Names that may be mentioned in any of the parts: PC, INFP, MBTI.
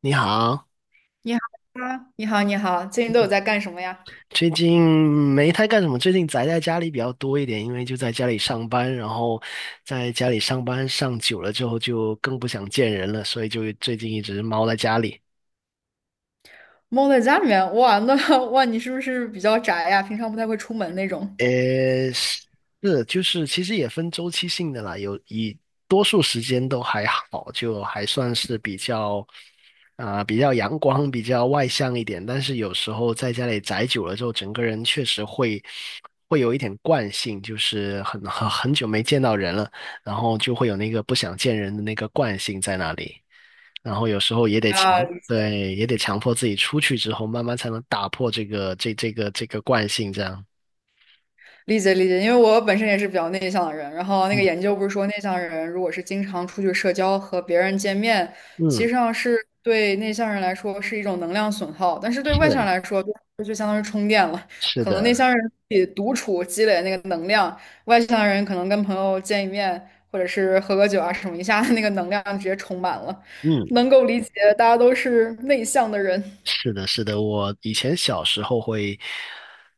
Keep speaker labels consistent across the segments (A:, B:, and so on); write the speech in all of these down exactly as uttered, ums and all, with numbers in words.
A: 你好，
B: 你好啊，你好，你好，最近都有
A: 嗯
B: 在干什么呀？
A: 最近没太干什么，最近宅在家里比较多一点，因为就在家里上班，然后在家里上班上久了之后就更不想见人了，所以就最近一直猫在家里。
B: 猫在家里面，哇，那 哇，你是不是比较宅呀？平常不太会出门那种？
A: 呃，是，就是其实也分周期性的啦，有以多数时间都还好，就还算是比较啊、比较阳光、比较外向一点。但是有时候在家里宅久了之后，整个人确实会会有一点惯性，就是很很很久没见到人了，然后就会有那个不想见人的那个惯性在那里。然后有时候也得强，
B: 啊，
A: 对，也得强迫自己出去之后，慢慢才能打破这个这这个这个惯性，这样。
B: 理解理解，因为我本身也是比较内向的人，然后那个
A: 嗯。
B: 研究不是说内向人如果是经常出去社交和别人见面，其
A: 嗯。
B: 实上是对内向人来说是一种能量损耗，但是对外向人
A: 是。
B: 来说就就相当于充电了。
A: 是
B: 可能内
A: 的。
B: 向人自己独处积累那个能量，外向人可能跟朋友见一面或者是喝个酒啊什么，一下那个能量直接充满了，
A: 嗯，
B: 能够理解大家都是内向的人，
A: 是的，是的。我以前小时候会，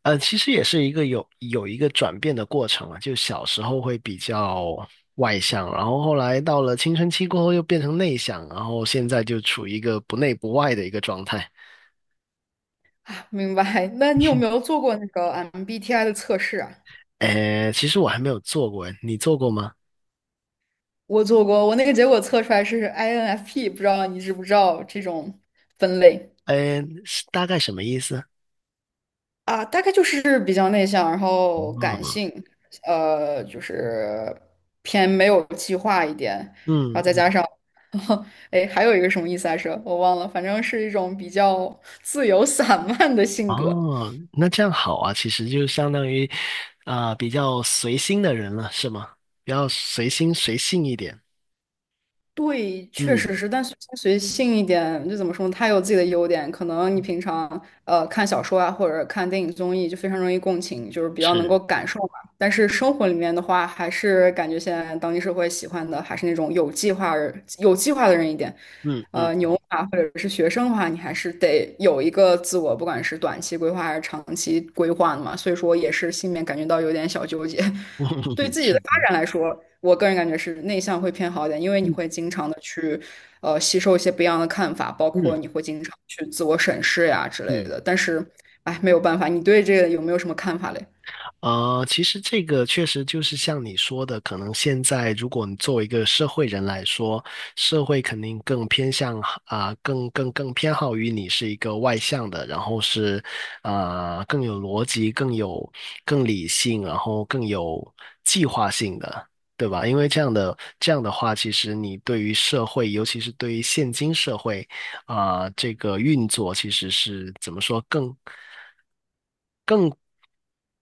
A: 呃，其实也是一个有有一个转变的过程啊。就小时候会比较外向，然后后来到了青春期过后又变成内向，然后现在就处于一个不内不外的一个状态。
B: 明白？那你有没有做过那个 M B T I 的测试啊？
A: 呃，其实我还没有做过，你做过吗？
B: 我做过，我那个结果测出来是 I N F P，不知道你知不知道这种分类
A: 呃，是大概什么意思？
B: 啊？大概就是比较内向，然后感
A: 嗯。
B: 性，呃，就是偏没有计划一点，然后再
A: 嗯。
B: 加上，哎，还有一个什么意思来着？我忘了，反正是一种比较自由散漫的性格。
A: 哦，那这样好啊，其实就相当于啊、比较随心的人了，是吗？比较随心随性一点。
B: 对，确
A: 嗯，
B: 实是，但随心随性一点，就怎么说呢？它有自己的优点，可能你平常呃看小说啊，或者看电影综艺，就非常容易共情，就是比较能够
A: 是，
B: 感受嘛。但是生活里面的话，还是感觉现在当今社会喜欢的还是那种有计划人有计划的人一点。
A: 嗯
B: 呃，
A: 嗯
B: 牛
A: 嗯，
B: 马或者是学生的话，你还是得有一个自我，不管是短期规划还是长期规划的嘛。所以说，也是心里面感觉到有点小纠结。对 自己
A: 是
B: 的
A: 的，
B: 发展来说，我个人感觉是内向会偏好一点，因为你会
A: 嗯
B: 经常的去，呃，吸收一些不一样的看法，包括
A: 嗯
B: 你会经常去自我审视呀之类
A: 嗯。
B: 的。但是，哎，没有办法，你对这个有没有什么看法嘞？
A: 呃，其实这个确实就是像你说的，可能现在如果你作为一个社会人来说，社会肯定更偏向啊、更更更偏好于你是一个外向的，然后是啊、更有逻辑、更有更理性，然后更有计划性的，对吧？因为这样的这样的话，其实你对于社会，尤其是对于现今社会啊、这个运作，其实是怎么说更？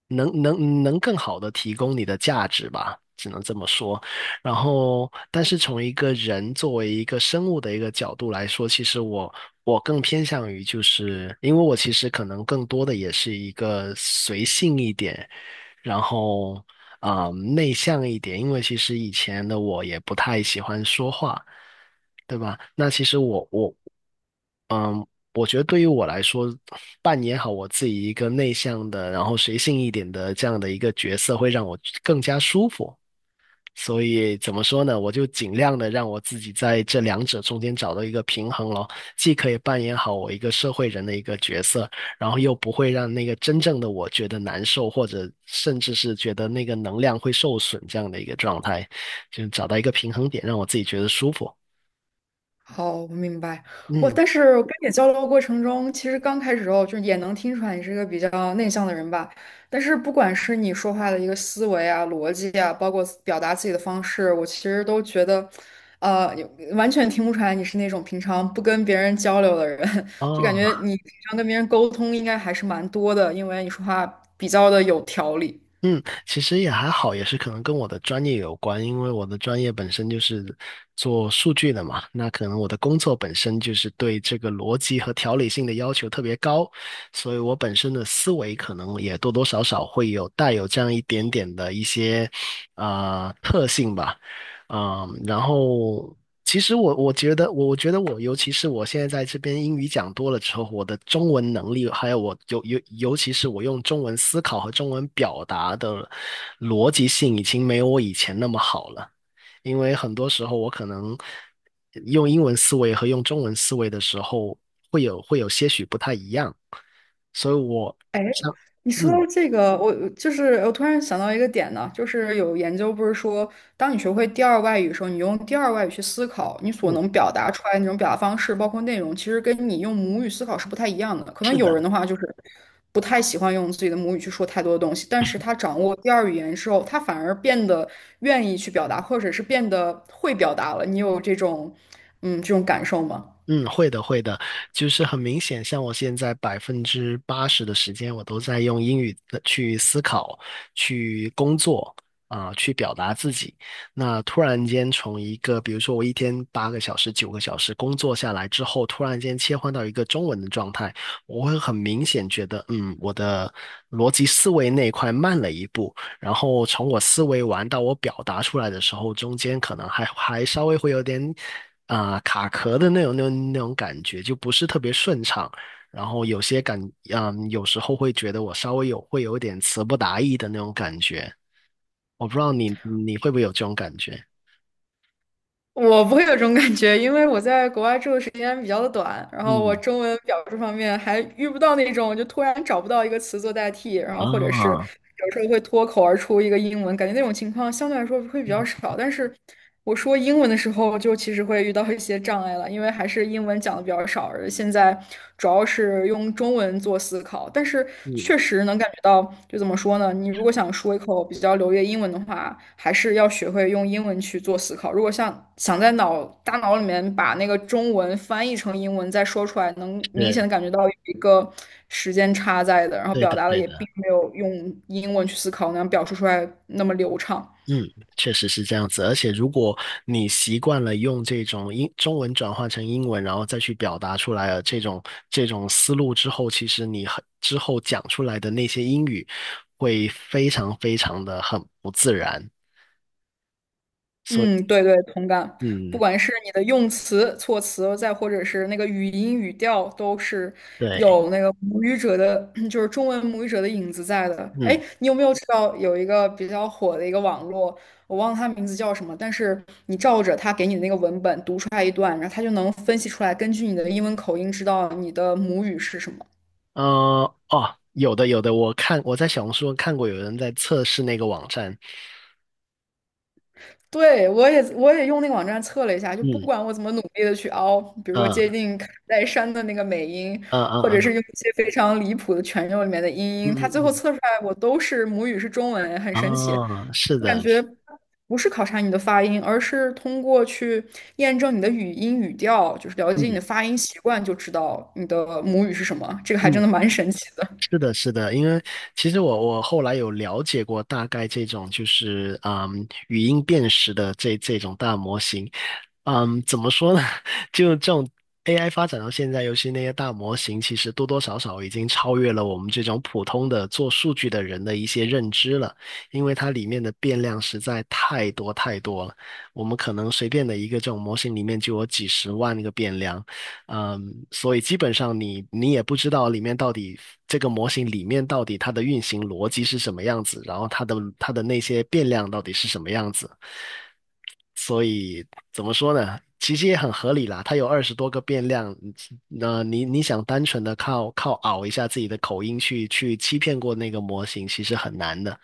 A: 能能能更好的提供你的价值吧，只能这么说。然后，但是从一个人作为一个生物的一个角度来说，其实我我更偏向于就是，因为我其实可能更多的也是一个随性一点，然后啊、呃内向一点，因为其实以前的我也不太喜欢说话，对吧？那其实我我嗯，我觉得对于我来说，扮演好我自己一个内向的，然后随性一点的这样的一个角色，会让我更加舒服。所以怎么说呢？我就尽量的让我自己在这两者中间找到一个平衡咯，既可以扮演好我一个社会人的一个角色，然后又不会让那个真正的我觉得难受，或者甚至是觉得那个能量会受损这样的一个状态，就找到一个平衡点，让我自己觉得舒服。
B: 好，我明白。我
A: 嗯，
B: 但是跟你交流过程中，其实刚开始时候就也能听出来你是一个比较内向的人吧。但是不管是你说话的一个思维啊、逻辑啊，包括表达自己的方式，我其实都觉得，呃，有完全听不出来你是那种平常不跟别人交流的人。就感觉
A: 哦。
B: 你平常跟别人沟通应该还是蛮多的，因为你说话比较的有条理。
A: 嗯，其实也还好，也是可能跟我的专业有关，因为我的专业本身就是做数据的嘛，那可能我的工作本身就是对这个逻辑和条理性的要求特别高，所以我本身的思维可能也多多少少会有带有这样一点点的一些啊、呃特性吧，嗯，然后。其实我我觉得，我我觉得我，尤其是我现在在这边英语讲多了之后，我的中文能力，还有我尤尤尤其是我用中文思考和中文表达的逻辑性，已经没有我以前那么好了。因为很多时候我可能用英文思维和用中文思维的时候，会有会有些许不太一样，所以我
B: 哎，
A: 像
B: 你说
A: 嗯。
B: 到这个，我就是我突然想到一个点呢，就是有研究不是说，当你学会第二外语的时候，你用第二外语去思考，你所
A: 嗯，
B: 能表达出来的那种表达方式，包括内容，其实跟你用母语思考是不太一样的。可能
A: 是
B: 有人
A: 的。
B: 的话就是不太喜欢用自己的母语去说太多的东西，但是他掌握第二语言之后，他反而变得愿意去表达，或者是变得会表达了。你有这种嗯这种感受吗？
A: 嗯，会的，会的，就是很明显，像我现在百分之八十的时间，我都在用英语的去思考、去工作啊、去表达自己。那突然间从一个，比如说我一天八个小时、九个小时工作下来之后，突然间切换到一个中文的状态，我会很明显觉得，嗯，我的逻辑思维那一块慢了一步，然后从我思维完到我表达出来的时候，中间可能还还稍微会有点啊、呃卡壳的那种那种那种感觉，就不是特别顺畅。然后有些感，嗯，有时候会觉得我稍微有会有点词不达意的那种感觉。我不知道你你会不会有这种感觉？
B: 我不会有这种感觉，因为我在国外住的时间比较的短，然后我
A: 嗯。
B: 中文表述方面还遇不到那种就突然找不到一个词做代替，然后或者是
A: 啊。
B: 有时候会脱口而出一个英文，感觉那种情况相对来说会比较少。但是我说英文的时候，就其实会遇到一些障碍了，因为还是英文讲的比较少，而现在主要是用中文。中文做思考，但是
A: 嗯。
B: 确实能感觉到，就怎么说呢？你如果想说一口比较流利的英文的话，还是要学会用英文去做思考。如果像想在脑大脑里面把那个中文翻译成英文再说出来，能明显的
A: 对。
B: 感觉到有一个时间差在的，然后
A: 对
B: 表
A: 的，
B: 达的
A: 对
B: 也并
A: 的。
B: 没有用英文去思考那样表述出来那么流畅。
A: 嗯，确实是这样子。而且，如果你习惯了用这种英中文转换成英文，然后再去表达出来了这种这种思路之后，其实你很之后讲出来的那些英语会非常非常的很不自然。所以，
B: 嗯，对对，同感。不
A: 嗯，
B: 管是你的用词、措辞，再或者是那个语音语调，都是
A: 对，
B: 有那个母语者的，就是中文母语者的影子在的。哎，
A: 嗯，
B: 你有没有知道有一个比较火的一个网络，我忘了它名字叫什么，但是你照着它给你的那个文本读出来一段，然后它就能分析出来，根据你的英文口音知道你的母语是什么。
A: 呃，哦，有的有的，我看我在小红书上看过有人在测试那个网站，
B: 对，我也我也用那个网站测了一下，就不
A: 嗯，
B: 管我怎么努力的去凹，比如说接
A: 嗯
B: 近卡戴珊的那个美音，
A: 嗯
B: 或者是
A: 嗯
B: 用一些非常离谱的全用里面的音音，
A: 嗯
B: 它
A: 嗯
B: 最后
A: 嗯，
B: 测出来我都是母语是中文，很
A: 嗯
B: 神奇。
A: 哦，是
B: 我感
A: 的，
B: 觉不是考察你的发音，而是通过去验证你的语音语调，就是了解你的
A: 嗯
B: 发音习惯，就知道你的母语是什么。这个还
A: 嗯。
B: 真的蛮神奇的。
A: 是的，是的，因为其实我我后来有了解过大概这种就是嗯语音辨识的这这种大模型，嗯，怎么说呢？就这种 A I 发展到现在，尤其那些大模型，其实多多少少已经超越了我们这种普通的做数据的人的一些认知了，因为它里面的变量实在太多太多了，我们可能随便的一个这种模型里面就有几十万个变量。嗯，所以基本上你你也不知道里面到底这个模型里面到底它的运行逻辑是什么样子，然后它的它的那些变量到底是什么样子，所以怎么说呢？其实也很合理啦，它有二十多个变量，那你你想单纯的靠靠熬一下自己的口音去去欺骗过那个模型，其实很难的，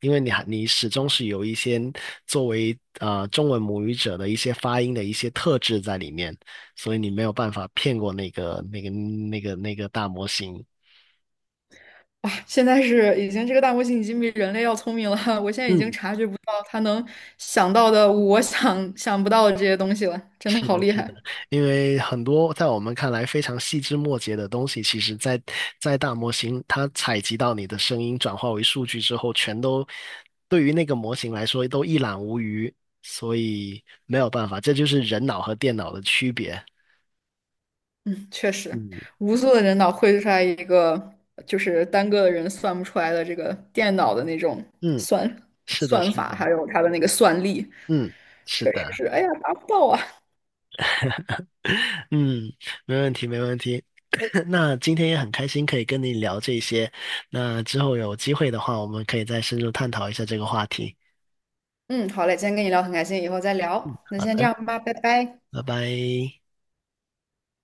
A: 因为你还你始终是有一些作为呃中文母语者的一些发音的一些特质在里面。所以你没有办法骗过那个那个那个那个大模型。
B: 哇，现在是已经这个大模型已经比人类要聪明了，我现在已经
A: 嗯，
B: 察觉不到它能想到的我想想不到的这些东西了，真的
A: 是
B: 好
A: 的，
B: 厉
A: 是的，
B: 害。
A: 因为很多在我们看来非常细枝末节的东西，其实在在大模型它采集到你的声音转化为数据之后，全都对于那个模型来说都一览无余，所以没有办法，这就是人脑和电脑的区别。
B: 嗯，确实，
A: 嗯
B: 无数的人脑绘出来一个，就是单个的人算不出来的这个电脑的那种
A: 嗯，
B: 算
A: 是的，
B: 算
A: 是
B: 法，
A: 的，
B: 还有它的那个算力，
A: 嗯，是
B: 确实
A: 的。
B: 是，哎呀，达不到啊。
A: 嗯，没问题，没问题。那今天也很开心可以跟你聊这些，那之后有机会的话，我们可以再深入探讨一下这个话题。
B: 嗯，好嘞，今天跟你聊很开心，以后再聊。那
A: 好
B: 先这
A: 的，
B: 样吧，拜拜。
A: 拜拜。